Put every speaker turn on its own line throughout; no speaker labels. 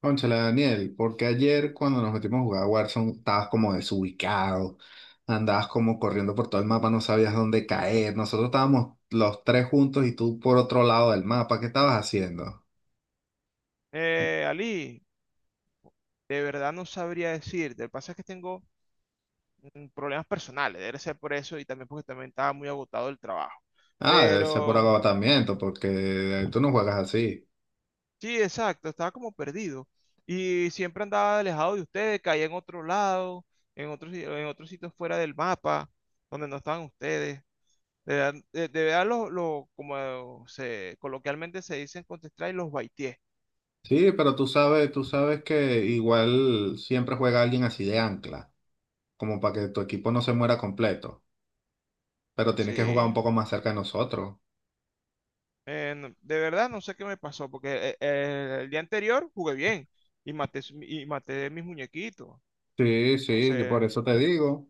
Cónchale, Daniel, porque ayer cuando nos metimos a jugar a Warzone estabas como desubicado, andabas como corriendo por todo el mapa, no sabías dónde caer. Nosotros estábamos los tres juntos y tú por otro lado del mapa, ¿qué estabas haciendo?
Ali, de verdad no sabría decirte. Lo que pasa es que tengo problemas personales, debe ser por eso y también porque también estaba muy agotado el trabajo.
Ah, debe ser por
Pero
agotamiento, porque tú no juegas así.
sí, exacto, estaba como perdido y siempre andaba alejado de ustedes, caía en otro lado, en otros sitios fuera del mapa, donde no estaban ustedes. De verdad, de verdad, como se coloquialmente se dice en Counter-Strike, los baitié.
Sí, pero tú sabes que igual siempre juega alguien así de ancla, como para que tu equipo no se muera completo, pero tienes que jugar un
Sí.
poco más cerca de nosotros.
De verdad, no sé qué me pasó, porque el día anterior jugué bien y maté mis muñequitos.
Sí,
No
sí, yo por
sé,
eso te digo.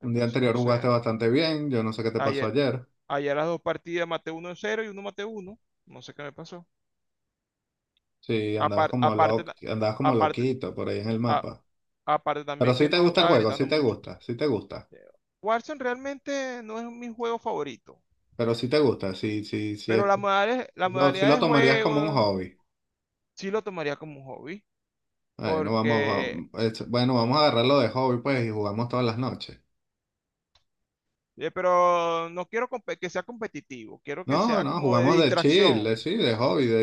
Un día
entonces no
anterior
sé.
jugaste bastante bien, yo no sé qué te pasó
Ayer,
ayer.
ayer las dos partidas maté uno en cero y uno maté uno. No sé qué me pasó.
Sí,
Apar- aparte, ta-
andabas como
aparte,
loquito por ahí en el
a-
mapa.
Aparte
Pero
también
sí
que
te
no
gusta el
estaba
juego,
gritando
sí te
mucho.
gusta, sí te gusta.
Eh, Warzone realmente no es mi juego favorito,
Pero sí te gusta, sí, sí, sí es.
pero la modalidad, la
Sí
modalidad
lo
de
tomarías como un
juego
hobby.
sí lo tomaría como un hobby,
Bueno, vamos,
porque
vamos, bueno, vamos a agarrarlo de hobby pues y jugamos todas las noches.
Pero no quiero que sea competitivo, quiero que
No,
sea
no,
como
jugamos de chill, de, sí, de hobby, de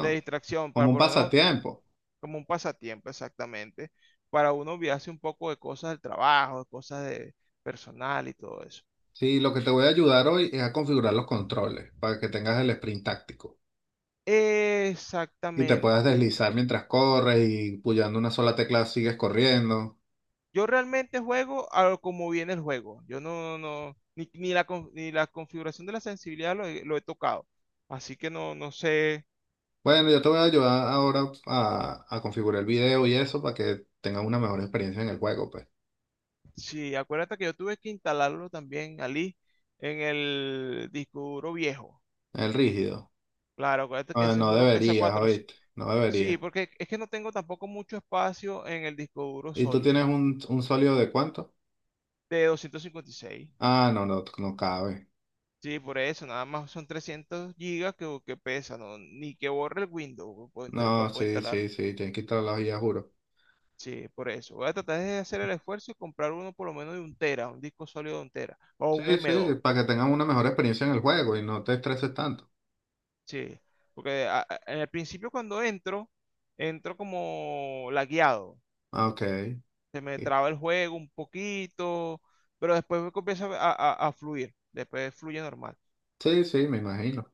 de distracción,
como
para
un
por lo menos
pasatiempo.
como un pasatiempo exactamente, para uno olvidarse un poco de cosas del trabajo, de cosas de personal y todo eso.
Sí, lo que te voy a ayudar hoy es a configurar los controles para que tengas el sprint táctico. Y te puedes
Exactamente.
deslizar mientras corres y puyando una sola tecla sigues corriendo.
Yo realmente juego a lo como viene el juego. Yo no, ni la configuración de la sensibilidad lo he tocado. Así que no sé.
Bueno, yo te voy a ayudar ahora a configurar el video y eso para que tengas una mejor experiencia en el juego, pues.
Sí, acuérdate que yo tuve que instalarlo también, Ali, en el disco duro viejo.
El rígido.
Claro, acuérdate que
Ah,
ese
no
juego pesa
deberías,
400.
¿oíste? No
Sí,
deberías.
porque es que no tengo tampoco mucho espacio en el disco duro
¿Y tú
sólido
tienes un sólido de cuánto?
de 256.
Ah, no, no, no cabe.
Sí, por eso, nada más son 300 gigas que pesa, ¿no? Ni que borre el Windows, lo
No,
puedo
sí,
instalar.
sí, sí, tienes que instalar las guías, juro.
Sí, por eso. Voy a tratar de hacer el esfuerzo y comprar uno por lo menos de un tera, un disco sólido de un tera o un
Sí, sí,
M2.
para que tengan una mejor experiencia en el juego y no te estreses tanto.
Sí, porque en el principio cuando entro, entro como lagueado.
Ah, ok.
Se me
Sí,
traba el juego un poquito, pero después me comienza a fluir. Después fluye normal.
sí, sí, me imagino.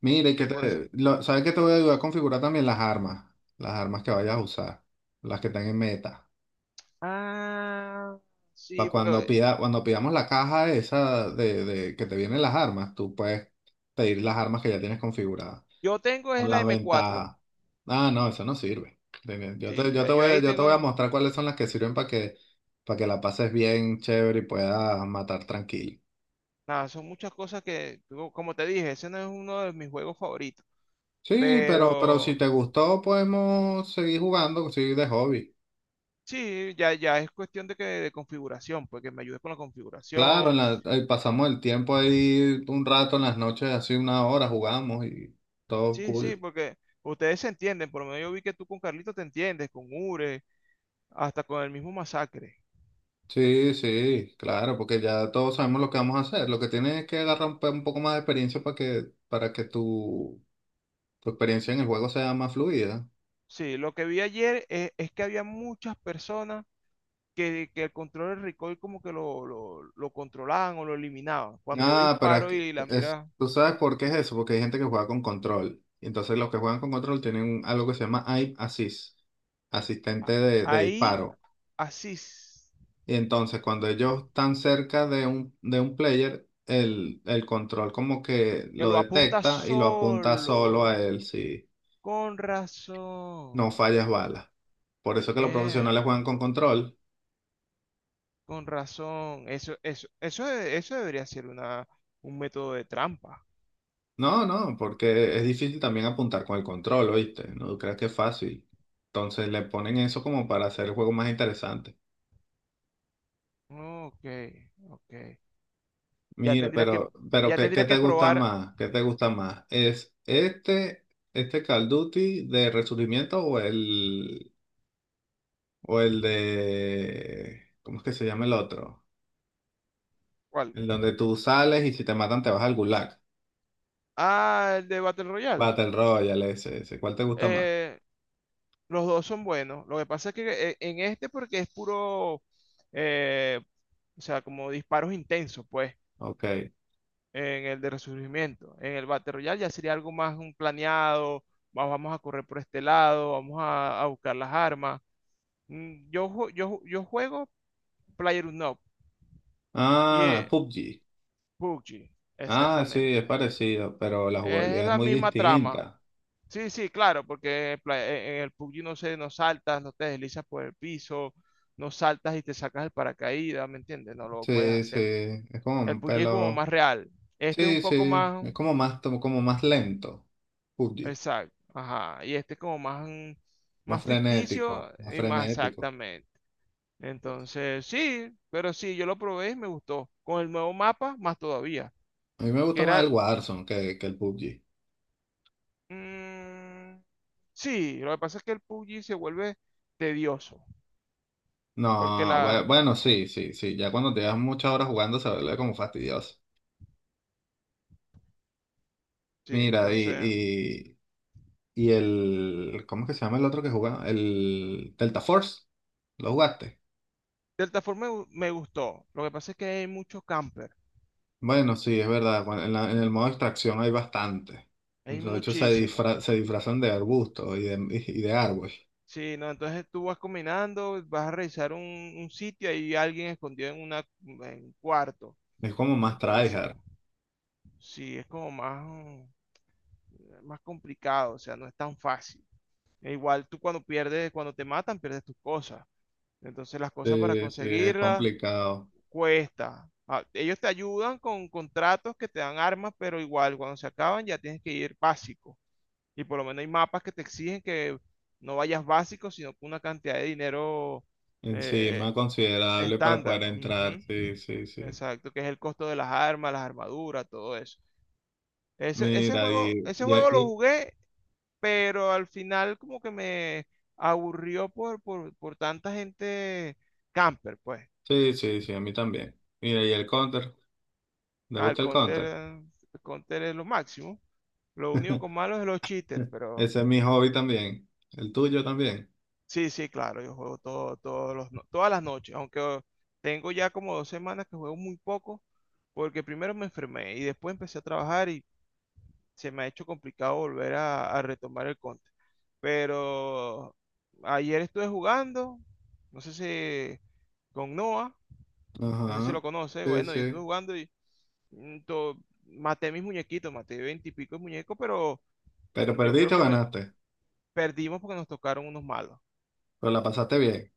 Mire,
Sí, por eso.
¿sabes que te voy a ayudar a configurar también las armas? Las armas que vayas a usar, las que están en meta.
Ah,
Para
sí,
cuando
porque
cuando pidamos la caja esa de que te vienen las armas, tú puedes pedir las armas que ya tienes configuradas,
yo tengo
con
es la
las
M4.
ventajas. Ah, no, eso no sirve. Ven,
Sí,
yo
yo
te
yo
voy a,
ahí
yo te voy a
tengo.
mostrar cuáles son las que sirven para que la pases bien, chévere y puedas matar tranquilo.
Nada, son muchas cosas que, como te dije, ese no es uno de mis juegos favoritos.
Sí, pero si
Pero
te gustó, podemos seguir jugando, sí, de hobby.
sí, ya es cuestión de configuración, porque me ayudes con la
Claro,
configuración.
ahí pasamos el tiempo ahí un rato en las noches, así una hora jugamos y todo
Sí, sí,
cool.
porque ustedes se entienden, por lo menos yo vi que tú con Carlito te entiendes, con Ure, hasta con el mismo Masacre.
Sí, sí, claro, porque ya todos sabemos lo que vamos a hacer. Lo que tienes es que agarrar un poco más de experiencia para que tu experiencia en el juego sea más fluida.
Sí, lo que vi ayer es que había muchas personas que el control del recoil como que lo controlaban o lo eliminaban. Cuando yo
Ah,
disparo y la mira
tú sabes por qué es eso, porque hay gente que juega con control. Y entonces los que juegan con control tienen algo que se llama aim assist, asistente
a-
de
ahí,
disparo.
así, s-
Y entonces cuando ellos están cerca de de un player, el control como que
que
lo
lo apunta
detecta y lo apunta solo a
solo,
él, si
con
no
razón,
fallas balas. Por eso que los
eh,
profesionales juegan con control.
con razón. Eso debería ser un método de trampa.
No, no, porque es difícil también apuntar con el control, ¿oíste? No creas que es fácil. Entonces le ponen eso como para hacer el juego más interesante.
Ok, ok. Ya
Mira,
tendría que,
pero
ya
qué
tendría
te
que
gusta
probar
más? ¿Qué te gusta más? Este Call of Duty de Resurgimiento o el O el de... ¿Cómo es que se llama el otro?
cuál.
El donde tú sales y si te matan te vas al gulag.
Ah, el de Battle Royale.
Battle Royale, ese, ese. ¿Cuál te gusta más?
Eh, los dos son buenos. Lo que pasa es que en este porque es puro, eh, o sea, como disparos intensos, pues,
Ok.
en el de resurgimiento. En el Battle Royale ya sería algo más un planeado. Vamos a correr por este lado, vamos a buscar las armas. Yo, yo juego PlayerUnknown y
Ah, PUBG.
PUBG,
Ah, sí, es
exactamente.
parecido, pero la
Es
jugabilidad es
la
muy
misma trama.
distinta.
Sí, sí, claro, porque en el PUBG no sé, no saltas, no te deslizas por el piso, no saltas y te sacas el paracaídas, ¿me entiendes? No lo puedes
Sí, sí,
hacer.
es como
El
un
PUBG es como
pelo...
más real. Este es un
Sí,
poco
sí,
más,
como más lento. PUBG.
exacto, ajá, y este es como más,
Más
más
frenético,
ficticio
más
y más
frenético.
exactamente. Entonces, sí, pero sí, yo lo probé y me gustó. Con el nuevo mapa, más todavía,
A mí me gusta
que
más
era,
el Warzone que el PUBG.
mm, sí, lo que pasa es que el PUBG se vuelve tedioso, porque
No, bueno, sí, sí, sí. Ya cuando te das muchas horas jugando se vuelve como fastidioso.
sí,
Mira,
entonces
y el, ¿cómo es que se llama el otro que jugaba? El Delta Force, ¿lo jugaste?
cierta forma me gustó. Lo que pasa es que hay muchos campers,
Bueno, sí, es verdad. En el modo extracción hay bastante.
hay
De hecho,
muchísimos.
se disfrazan de arbustos y de, y de árbol.
Sí, no, entonces tú vas combinando, vas a revisar un sitio, hay alguien escondido en una en un cuarto.
Es como más
Entonces,
tryhard.
sí, es como más, más complicado, o sea, no es tan fácil. E igual tú cuando pierdes, cuando te matan, pierdes tus cosas. Entonces las cosas para
Sí, sí, es
conseguirlas
complicado.
cuesta. Ah, ellos te ayudan con contratos que te dan armas, pero igual cuando se acaban ya tienes que ir básico. Y por lo menos hay mapas que te exigen que no vayas básico, sino con una cantidad de dinero eh,
Encima, considerable para
estándar.
poder entrar.
Ujú.
Sí, sí, sí.
Exacto, que es el costo de las armas, las armaduras, todo eso. Ese, ese
Mira,
juego,
y,
ese juego lo jugué, pero al final como que me aburrió por tanta gente camper, pues.
Sí, sí, sí, a mí también. Mira, y el counter, ¿le
Ah,
gusta el counter?
el counter es lo máximo. Lo único con malo es los cheaters, pero.
Ese es mi hobby también. El tuyo también.
Sí, sí, claro, yo juego todo- todos los no- todas las noches, aunque tengo ya como 2 semanas que juego muy poco, porque primero me enfermé y después empecé a trabajar y se me ha hecho complicado volver a retomar el conte. Pero ayer estuve jugando, no sé si con Noah, no sé si
Ajá.
lo conoce,
Sí,
bueno, yo estuve
sí.
jugando y mm, to- maté mis muñequitos, maté veintipico de muñecos, pero
Pero
yo creo
perdiste o
que me
ganaste.
perdimos porque nos tocaron unos malos.
Pero la pasaste bien.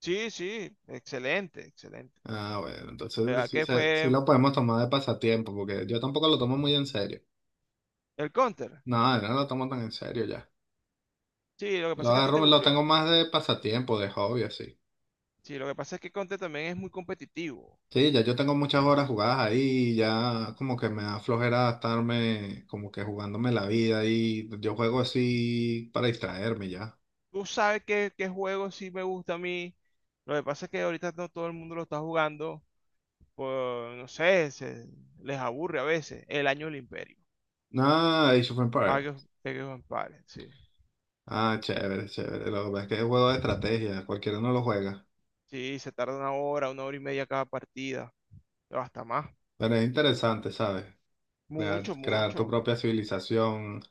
Sí, sí, excelente, excelente.
Ah, bueno, entonces
¿Verdad
sí,
que
sí
fue
lo podemos tomar de pasatiempo, porque yo tampoco lo tomo muy en serio.
el Counter?
No, yo no lo tomo tan en serio ya.
Sí, lo que
Lo
pasa es que a ti te
agarro, lo tengo
aburrió.
más de pasatiempo, de hobby, así.
Sí, lo que pasa es que Counter también es muy competitivo.
Sí, ya yo tengo muchas horas jugadas ahí, ya como que me da flojera estarme como que jugándome la vida y yo juego así para distraerme ya.
Tú sabes qué, qué juego sí me gusta a mí. Lo que pasa es que ahorita no todo el mundo lo está jugando. Pues no sé, les aburre a veces. El año del Imperio.
Ah, Age of
Ah,
Empires.
Age of Empires, sí.
Ah, chévere, chévere. Lo que pasa es que es juego de estrategia, cualquiera no lo juega.
Sí, se tarda una hora y media cada partida, o hasta más.
Pero es interesante, ¿sabes? Crear,
Mucho,
crear tu
mucho.
propia civilización,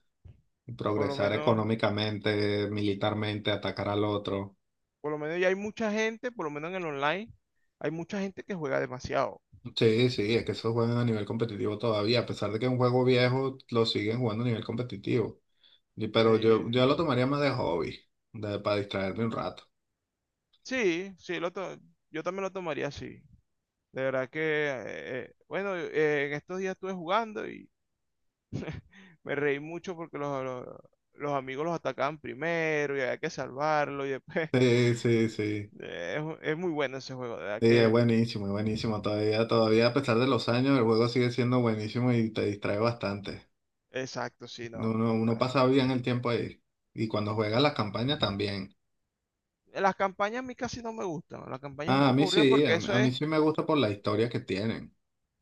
Por lo
progresar
menos.
económicamente, militarmente, atacar al otro.
Por lo menos ya hay mucha gente, por lo menos en el online, hay mucha gente que juega demasiado.
Sí, sí, es que esos juegan a nivel competitivo todavía, a pesar de que es un juego viejo, lo siguen jugando a nivel competitivo. Pero
Eh,
yo lo tomaría más de hobby, para distraerme un rato.
sí, sí, yo también lo tomaría así. De verdad que, bueno, en estos días estuve jugando y me reí mucho porque los amigos los atacaban primero y había que salvarlo y después.
Sí, sí, sí.
eh, es muy bueno ese juego, de verdad
Sí, es
que,
buenísimo, es buenísimo. Todavía, todavía a pesar de los años, el juego sigue siendo buenísimo y te distrae bastante.
exacto, sí, no.
Uno
Ah,
pasa bien el tiempo ahí. Y cuando juegas las campañas también.
las campañas a mí casi no me gustan, las campañas es un
Ah, a
poco
mí
aburridas
sí,
porque
a, mí
eso
a mí
es.
sí me gusta por la historia que tienen.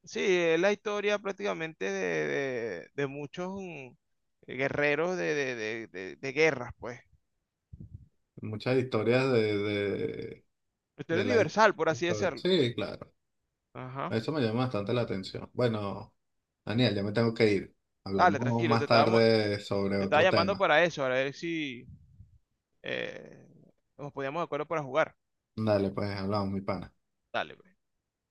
Sí, es la historia prácticamente de, de muchos guerreros de, de guerras, pues.
Muchas historias
La historia
de
universal, por así decirlo.
Sí, claro.
Ajá.
Eso me llama bastante la atención. Bueno, Daniel, ya me tengo que ir.
Dale,
Hablamos
tranquilo,
más tarde sobre
te estaba
otro
llamando
tema.
para eso, para ver si eh, nos poníamos de acuerdo para jugar.
Dale, pues hablamos, mi pana.
Dale, pues.